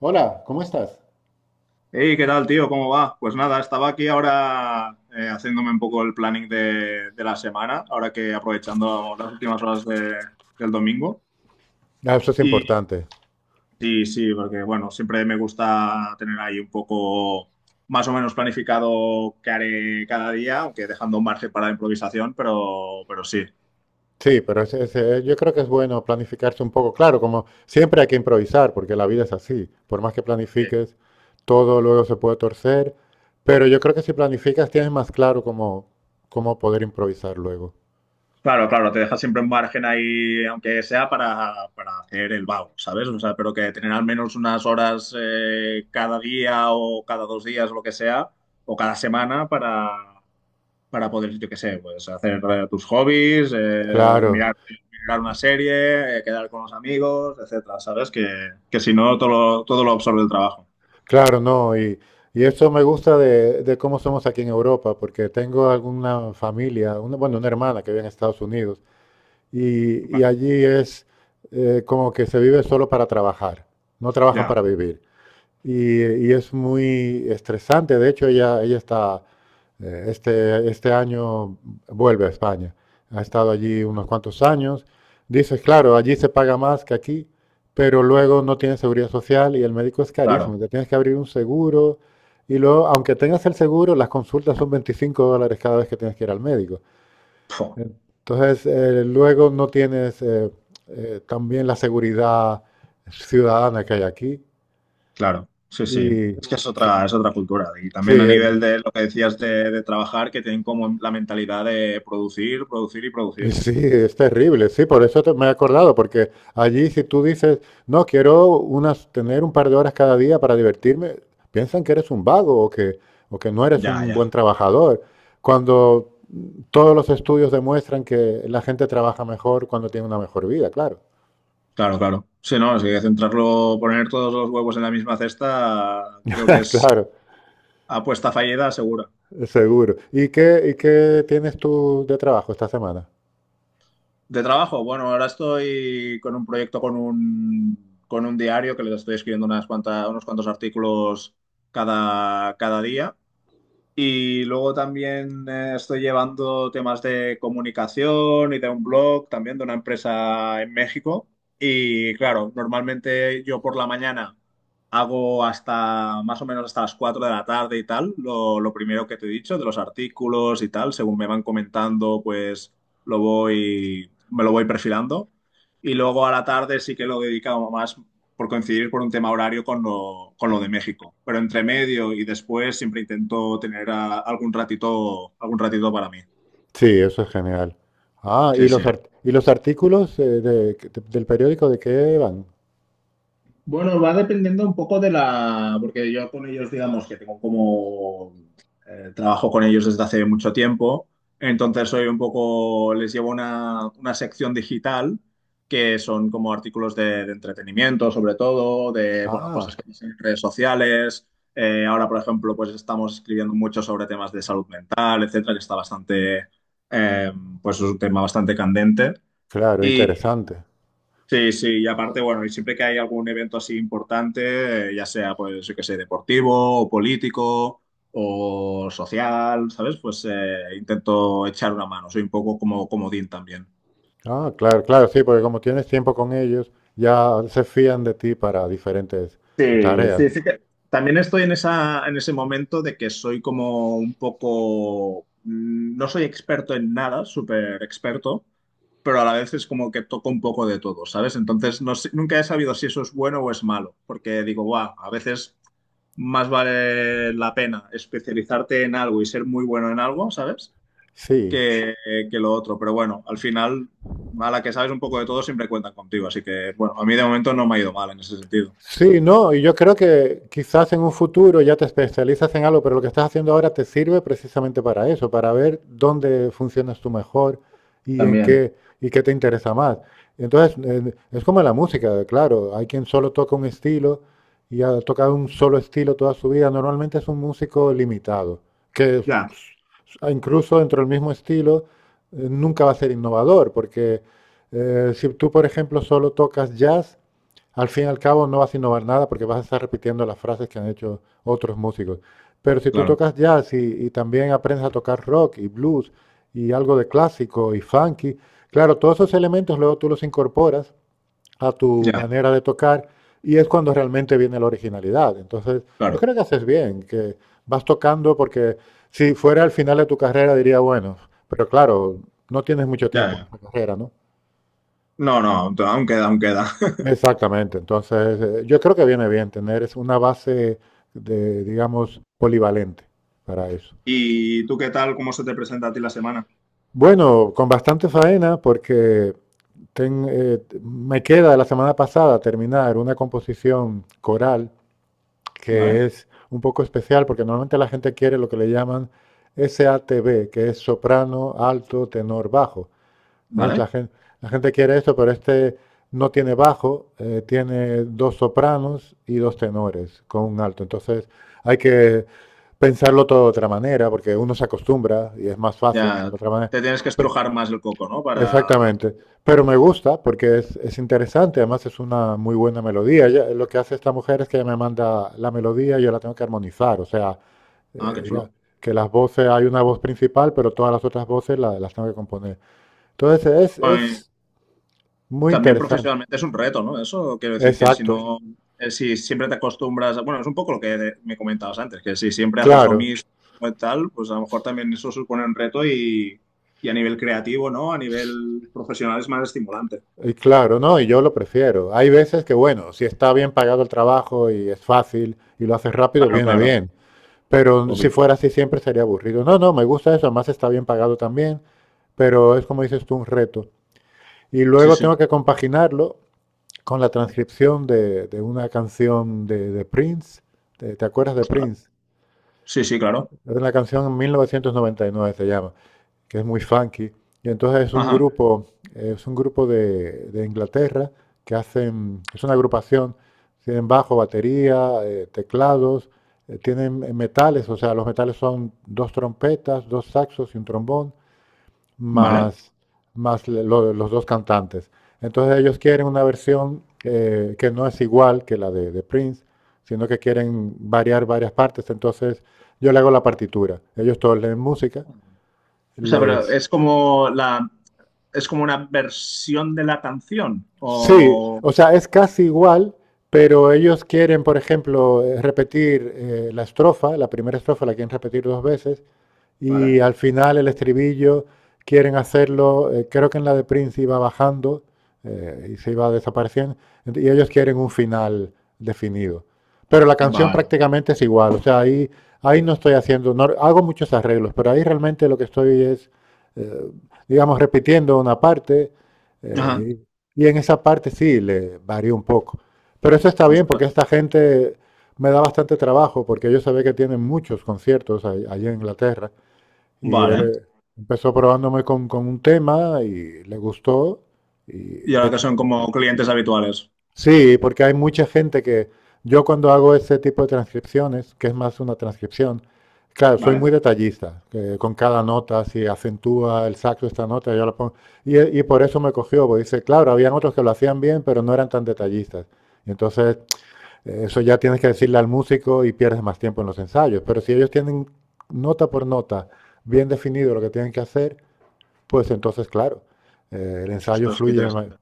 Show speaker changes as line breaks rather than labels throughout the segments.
Hola, ¿cómo estás?
Hey, ¿qué tal, tío? ¿Cómo va? Pues nada, estaba aquí ahora haciéndome un poco el planning de la semana, ahora que aprovechando las últimas horas del domingo.
Ah, eso es
Y
importante.
sí, sí, porque bueno, siempre me gusta tener ahí un poco más o menos planificado qué haré cada día, aunque dejando un margen para la improvisación, pero sí.
Sí, pero yo creo que es bueno planificarse un poco. Claro, como siempre hay que improvisar, porque la vida es así. Por más que
Sí.
planifiques, todo luego se puede torcer. Pero yo creo que si planificas tienes más claro cómo, cómo poder improvisar luego.
Claro, claro, te deja siempre un margen ahí, aunque sea para hacer el vago, ¿sabes? O sea, pero que tener al menos unas horas cada día o cada dos días, lo que sea, o cada semana para poder, yo qué sé, pues hacer tus hobbies,
Claro,
mirar una serie, quedar con los amigos, etcétera, ¿sabes? Que si no, todo lo absorbe el trabajo.
claro, no. Y eso me gusta de cómo somos aquí en Europa, porque tengo alguna familia, una, bueno, una hermana que vive en Estados Unidos. Y, y
Vale,
allí es, como que se vive solo para trabajar, no trabajan
ya,
para vivir. Y, y es muy estresante, de hecho ella está, este año vuelve a España, ha estado allí unos
vale,
cuantos años, dice, claro, allí se paga más que aquí, pero luego no tienes seguridad social y el médico es
claro.
carísimo, te tienes que abrir un seguro y luego, aunque tengas el seguro, las consultas son $25 cada vez que tienes que ir al médico.
Pf.
Entonces, luego no tienes, también, la seguridad ciudadana que hay aquí.
Claro, sí, sí.
Y
Es que es es otra cultura. Y
sí,
también a
eh,
nivel de lo que decías de trabajar, que tienen como la mentalidad de producir, producir y
y
producir.
sí, es terrible. Sí, por eso me he acordado, porque allí si tú dices, no, quiero unas, tener un par de horas cada día para divertirme, piensan que eres un vago o que no eres
Ya,
un buen
ya.
trabajador. Cuando todos los estudios demuestran que la gente trabaja mejor cuando tiene una mejor vida, claro.
Claro, claro. Sí, no, si centrarlo, poner todos los huevos en la misma cesta, creo que es
Claro.
apuesta fallida segura.
Seguro. Y qué tienes tú de trabajo esta semana?
De trabajo, bueno, ahora estoy con un proyecto con un diario que les estoy escribiendo unas cuantas, unos cuantos artículos cada día. Y luego también estoy llevando temas de comunicación y de un blog también de una empresa en México. Y claro, normalmente yo por la mañana hago hasta más o menos hasta las 4 de la tarde y tal, lo primero que te he dicho, de los artículos y tal, según me van comentando, pues me lo voy perfilando. Y luego a la tarde sí que lo dedicamos más, por coincidir por un tema horario con lo de México. Pero entre medio y después siempre intento tener algún algún ratito para mí.
Sí, eso es genial. Ah, ¿y
Sí, sí.
los, y los artículos, del periódico, de qué van?
Bueno, va dependiendo un poco de la, porque yo con ellos, digamos que tengo como, trabajo con ellos desde hace mucho tiempo, entonces soy un poco, les llevo una sección digital que son como artículos de entretenimiento, sobre todo, de, bueno,
Ah,
cosas que pasan en redes sociales. Ahora, por ejemplo, pues estamos escribiendo mucho sobre temas de salud mental, etcétera, que está eh, pues es un tema bastante candente.
claro, interesante.
Sí, sí, y aparte, bueno, y siempre que hay algún evento así importante, ya sea, pues, yo qué sé, deportivo o político o social, ¿sabes? Pues intento echar una mano, soy un poco como comodín también.
Ah, claro, claro, sí, porque como tienes tiempo con ellos, ya se fían de ti para diferentes
Sí,
tareas.
sí, sí que también estoy en esa, en ese momento de que soy como un poco, mm, no soy experto en nada, súper experto, pero a la vez es como que toco un poco de todo, ¿sabes? Entonces nunca he sabido si eso es bueno o es malo, porque digo, guau, a veces más vale la pena especializarte en algo y ser muy bueno en algo, ¿sabes?
Sí.
Que, que lo otro, pero bueno, al final, a la que sabes un poco de todo siempre cuentan contigo, así que bueno, a mí de momento no me ha ido mal en ese sentido.
Sí, no, y yo creo que quizás en un futuro ya te especializas en algo, pero lo que estás haciendo ahora te sirve precisamente para eso, para ver dónde funcionas tú mejor y en
También.
qué y qué te interesa más. Entonces, es como la música, claro, hay quien solo toca un estilo y ha tocado un solo estilo toda su vida. Normalmente es un músico limitado, que
Ya.
incluso dentro del mismo estilo, nunca va a ser innovador, porque, si tú, por ejemplo, solo tocas jazz, al fin y al cabo no vas a innovar nada porque vas a estar repitiendo las frases que han hecho otros músicos. Pero si tú
Claro,
tocas jazz y también aprendes a tocar rock y blues y algo de clásico y funky, claro, todos esos elementos luego tú los incorporas a tu
ya,
manera de tocar y es cuando realmente viene la originalidad. Entonces, yo
claro,
creo que haces bien, que vas tocando porque si fuera al final de tu carrera diría, bueno, pero claro, no tienes mucho
ya,
tiempo en
ya.
esta carrera, ¿no?
No, no, aún queda, aún queda.
Exactamente. Entonces, yo creo que viene bien tener es una base de, digamos, polivalente para eso.
¿Y tú qué tal? ¿Cómo se te presenta a ti la semana?
Bueno, con bastante faena porque me queda de la semana pasada terminar una composición coral
Vale,
que es un poco especial porque normalmente la gente quiere lo que le llaman SATB, que es soprano, alto, tenor, bajo. Entonces la
vale.
gente, la gente quiere esto, pero este no tiene bajo, tiene dos sopranos y dos tenores con un alto. Entonces hay que pensarlo todo de otra manera, porque uno se acostumbra y es más fácil
Ya
de otra manera.
te tienes que
Pe-
estrujar más el coco, ¿no? Para...
Exactamente. Pero me gusta porque es interesante, además es una muy buena melodía. Lo que hace esta mujer es que ella me manda la melodía y yo la tengo que armonizar. O sea,
Ah,
eh,
qué
diga-
chulo.
que las voces, hay una voz principal, pero todas las otras voces las tengo que componer. Entonces
Bueno, y
es muy
también
interesante.
profesionalmente es un reto, ¿no? Eso quiero decir que si
Exacto.
no, si siempre te acostumbras, bueno, es un poco lo que me comentabas antes, que si siempre haces lo
Claro.
mismo y tal, pues a lo mejor también eso supone un y a nivel creativo, ¿no? A nivel profesional es más estimulante.
Y claro, no, y yo lo prefiero. Hay veces que, bueno, si está bien pagado el trabajo y es fácil y lo haces rápido,
Claro,
viene
claro,
bien. Pero si
obvio.
fuera así siempre sería aburrido. No, no, me gusta eso, además está bien pagado también, pero es como dices tú, un reto. Y
Sí,
luego
sí.
tengo que compaginarlo con la transcripción de una canción de Prince. ¿Te, te acuerdas de
Ostras.
Prince?
Sí, sí, claro.
Es una canción, en 1999 se llama, que es muy funky. Y entonces
Ajá.
es un grupo de Inglaterra que hacen, es una agrupación, tienen bajo, batería, teclados, tienen metales, o sea, los metales son dos trompetas, dos saxos y un trombón,
Vale.
más, más los dos cantantes. Entonces ellos quieren una versión, que no es igual que la de Prince, sino que quieren variar varias partes. Entonces yo le hago la partitura. Ellos todos leen música,
O sea, pero
les…
es como es como una versión de la canción.
Sí,
O.
o sea, es
Vale.
casi igual, pero ellos quieren, por ejemplo, repetir, la estrofa, la primera estrofa la quieren repetir dos veces, y
Vale.
al final el estribillo quieren hacerlo, creo que en la de Prince iba bajando, y se iba desapareciendo, y ellos quieren un final definido. Pero la canción
Vale.
prácticamente es igual, o sea, ahí, ahí no estoy haciendo, no, hago muchos arreglos, pero ahí realmente lo que estoy es, eh, digamos, repitiendo una parte,
Ajá.
eh, y en esa parte sí, le varío un poco. Pero eso está bien porque
Ostras.
esta gente me da bastante trabajo porque yo sabía que tienen muchos conciertos allí en Inglaterra y él,
Vale.
empezó probándome con un tema y le gustó. Y
Y
de
ahora que
hecho,
son como clientes habituales.
sí, porque hay mucha gente que yo cuando hago ese tipo de transcripciones, que es más una transcripción, claro, soy
Vale.
muy detallista, que con cada nota, si acentúa el saxo esta nota, yo la pongo. Y por eso me cogió, porque dice, claro, habían otros que lo hacían bien, pero no eran tan detallistas. Y entonces, eso ya tienes que decirle al músico y pierdes más tiempo en los ensayos. Pero si ellos tienen nota por nota bien definido lo que tienen que hacer, pues entonces, claro, el ensayo
Ostras, qué
fluye más.
interesante.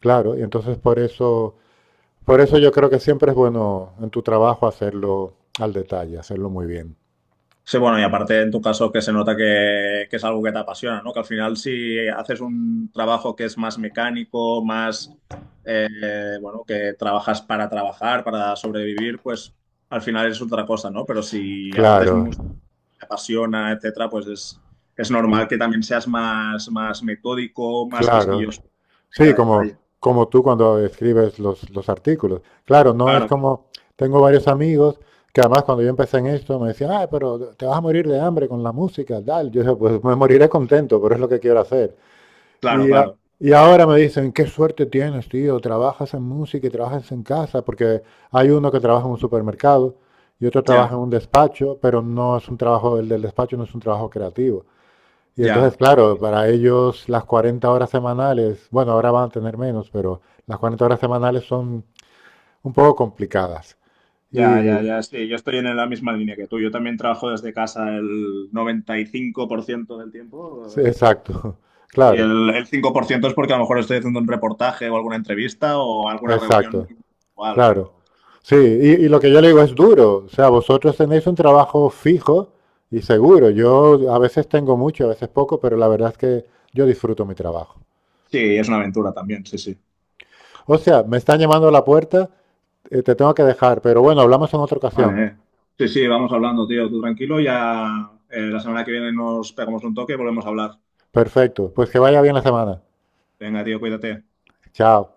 Claro, y entonces por eso yo creo que siempre es bueno en tu trabajo hacerlo al detalle, hacerlo muy bien.
Sí, bueno, y aparte en tu caso que se nota que es algo que te apasiona, ¿no? Que al final si haces un trabajo que es más mecánico, eh, bueno, que trabajas para trabajar, para sobrevivir, pues al final es otra cosa, ¿no? Pero si aparte es
Claro,
música, te apasiona, etcétera, pues es normal que también seas más, más metódico, más
claro.
quisquilloso en
Sí,
cada
como,
detalle.
como tú cuando escribes los artículos. Claro, no es
Claro, claro,
como, tengo varios amigos que además cuando yo empecé en esto me decían, ah, pero te vas a morir de hambre con la música, tal. Yo dije, pues me moriré contento, pero es lo que quiero hacer.
claro,
Y,
claro.
y ahora me dicen, qué suerte tienes, tío, trabajas en música y trabajas en casa, porque hay uno que trabaja en un supermercado y otro trabaja
Ya,
en un despacho, pero no es un trabajo, el del despacho no es un trabajo creativo. Y entonces,
ya.
claro, para ellos las 40 horas semanales, bueno, ahora van a tener menos, pero las 40 horas semanales son un poco complicadas.
Ya, ya,
Y,
ya, sí, yo estoy en la misma línea que tú. Yo también trabajo desde casa el 95% del
sí,
tiempo
exacto,
y
claro,
el 5% es porque a lo mejor estoy haciendo un reportaje o alguna entrevista o alguna reunión
exacto.
igual.
Claro.
Pero
Sí, y lo que yo le digo es duro. O sea, vosotros tenéis un trabajo fijo y seguro. Yo a veces tengo mucho, a veces poco, pero la verdad es que yo disfruto mi trabajo.
sí, es una aventura también, sí, sí.
O sea, me están llamando a la puerta, te tengo que dejar, pero bueno, hablamos en otra ocasión.
Vale, eh. Sí, sí, vamos hablando, tío, tú tranquilo, ya la semana que viene nos pegamos un toque y volvemos a hablar.
Perfecto, pues que vaya bien la semana.
Venga, tío, cuídate.
Chao.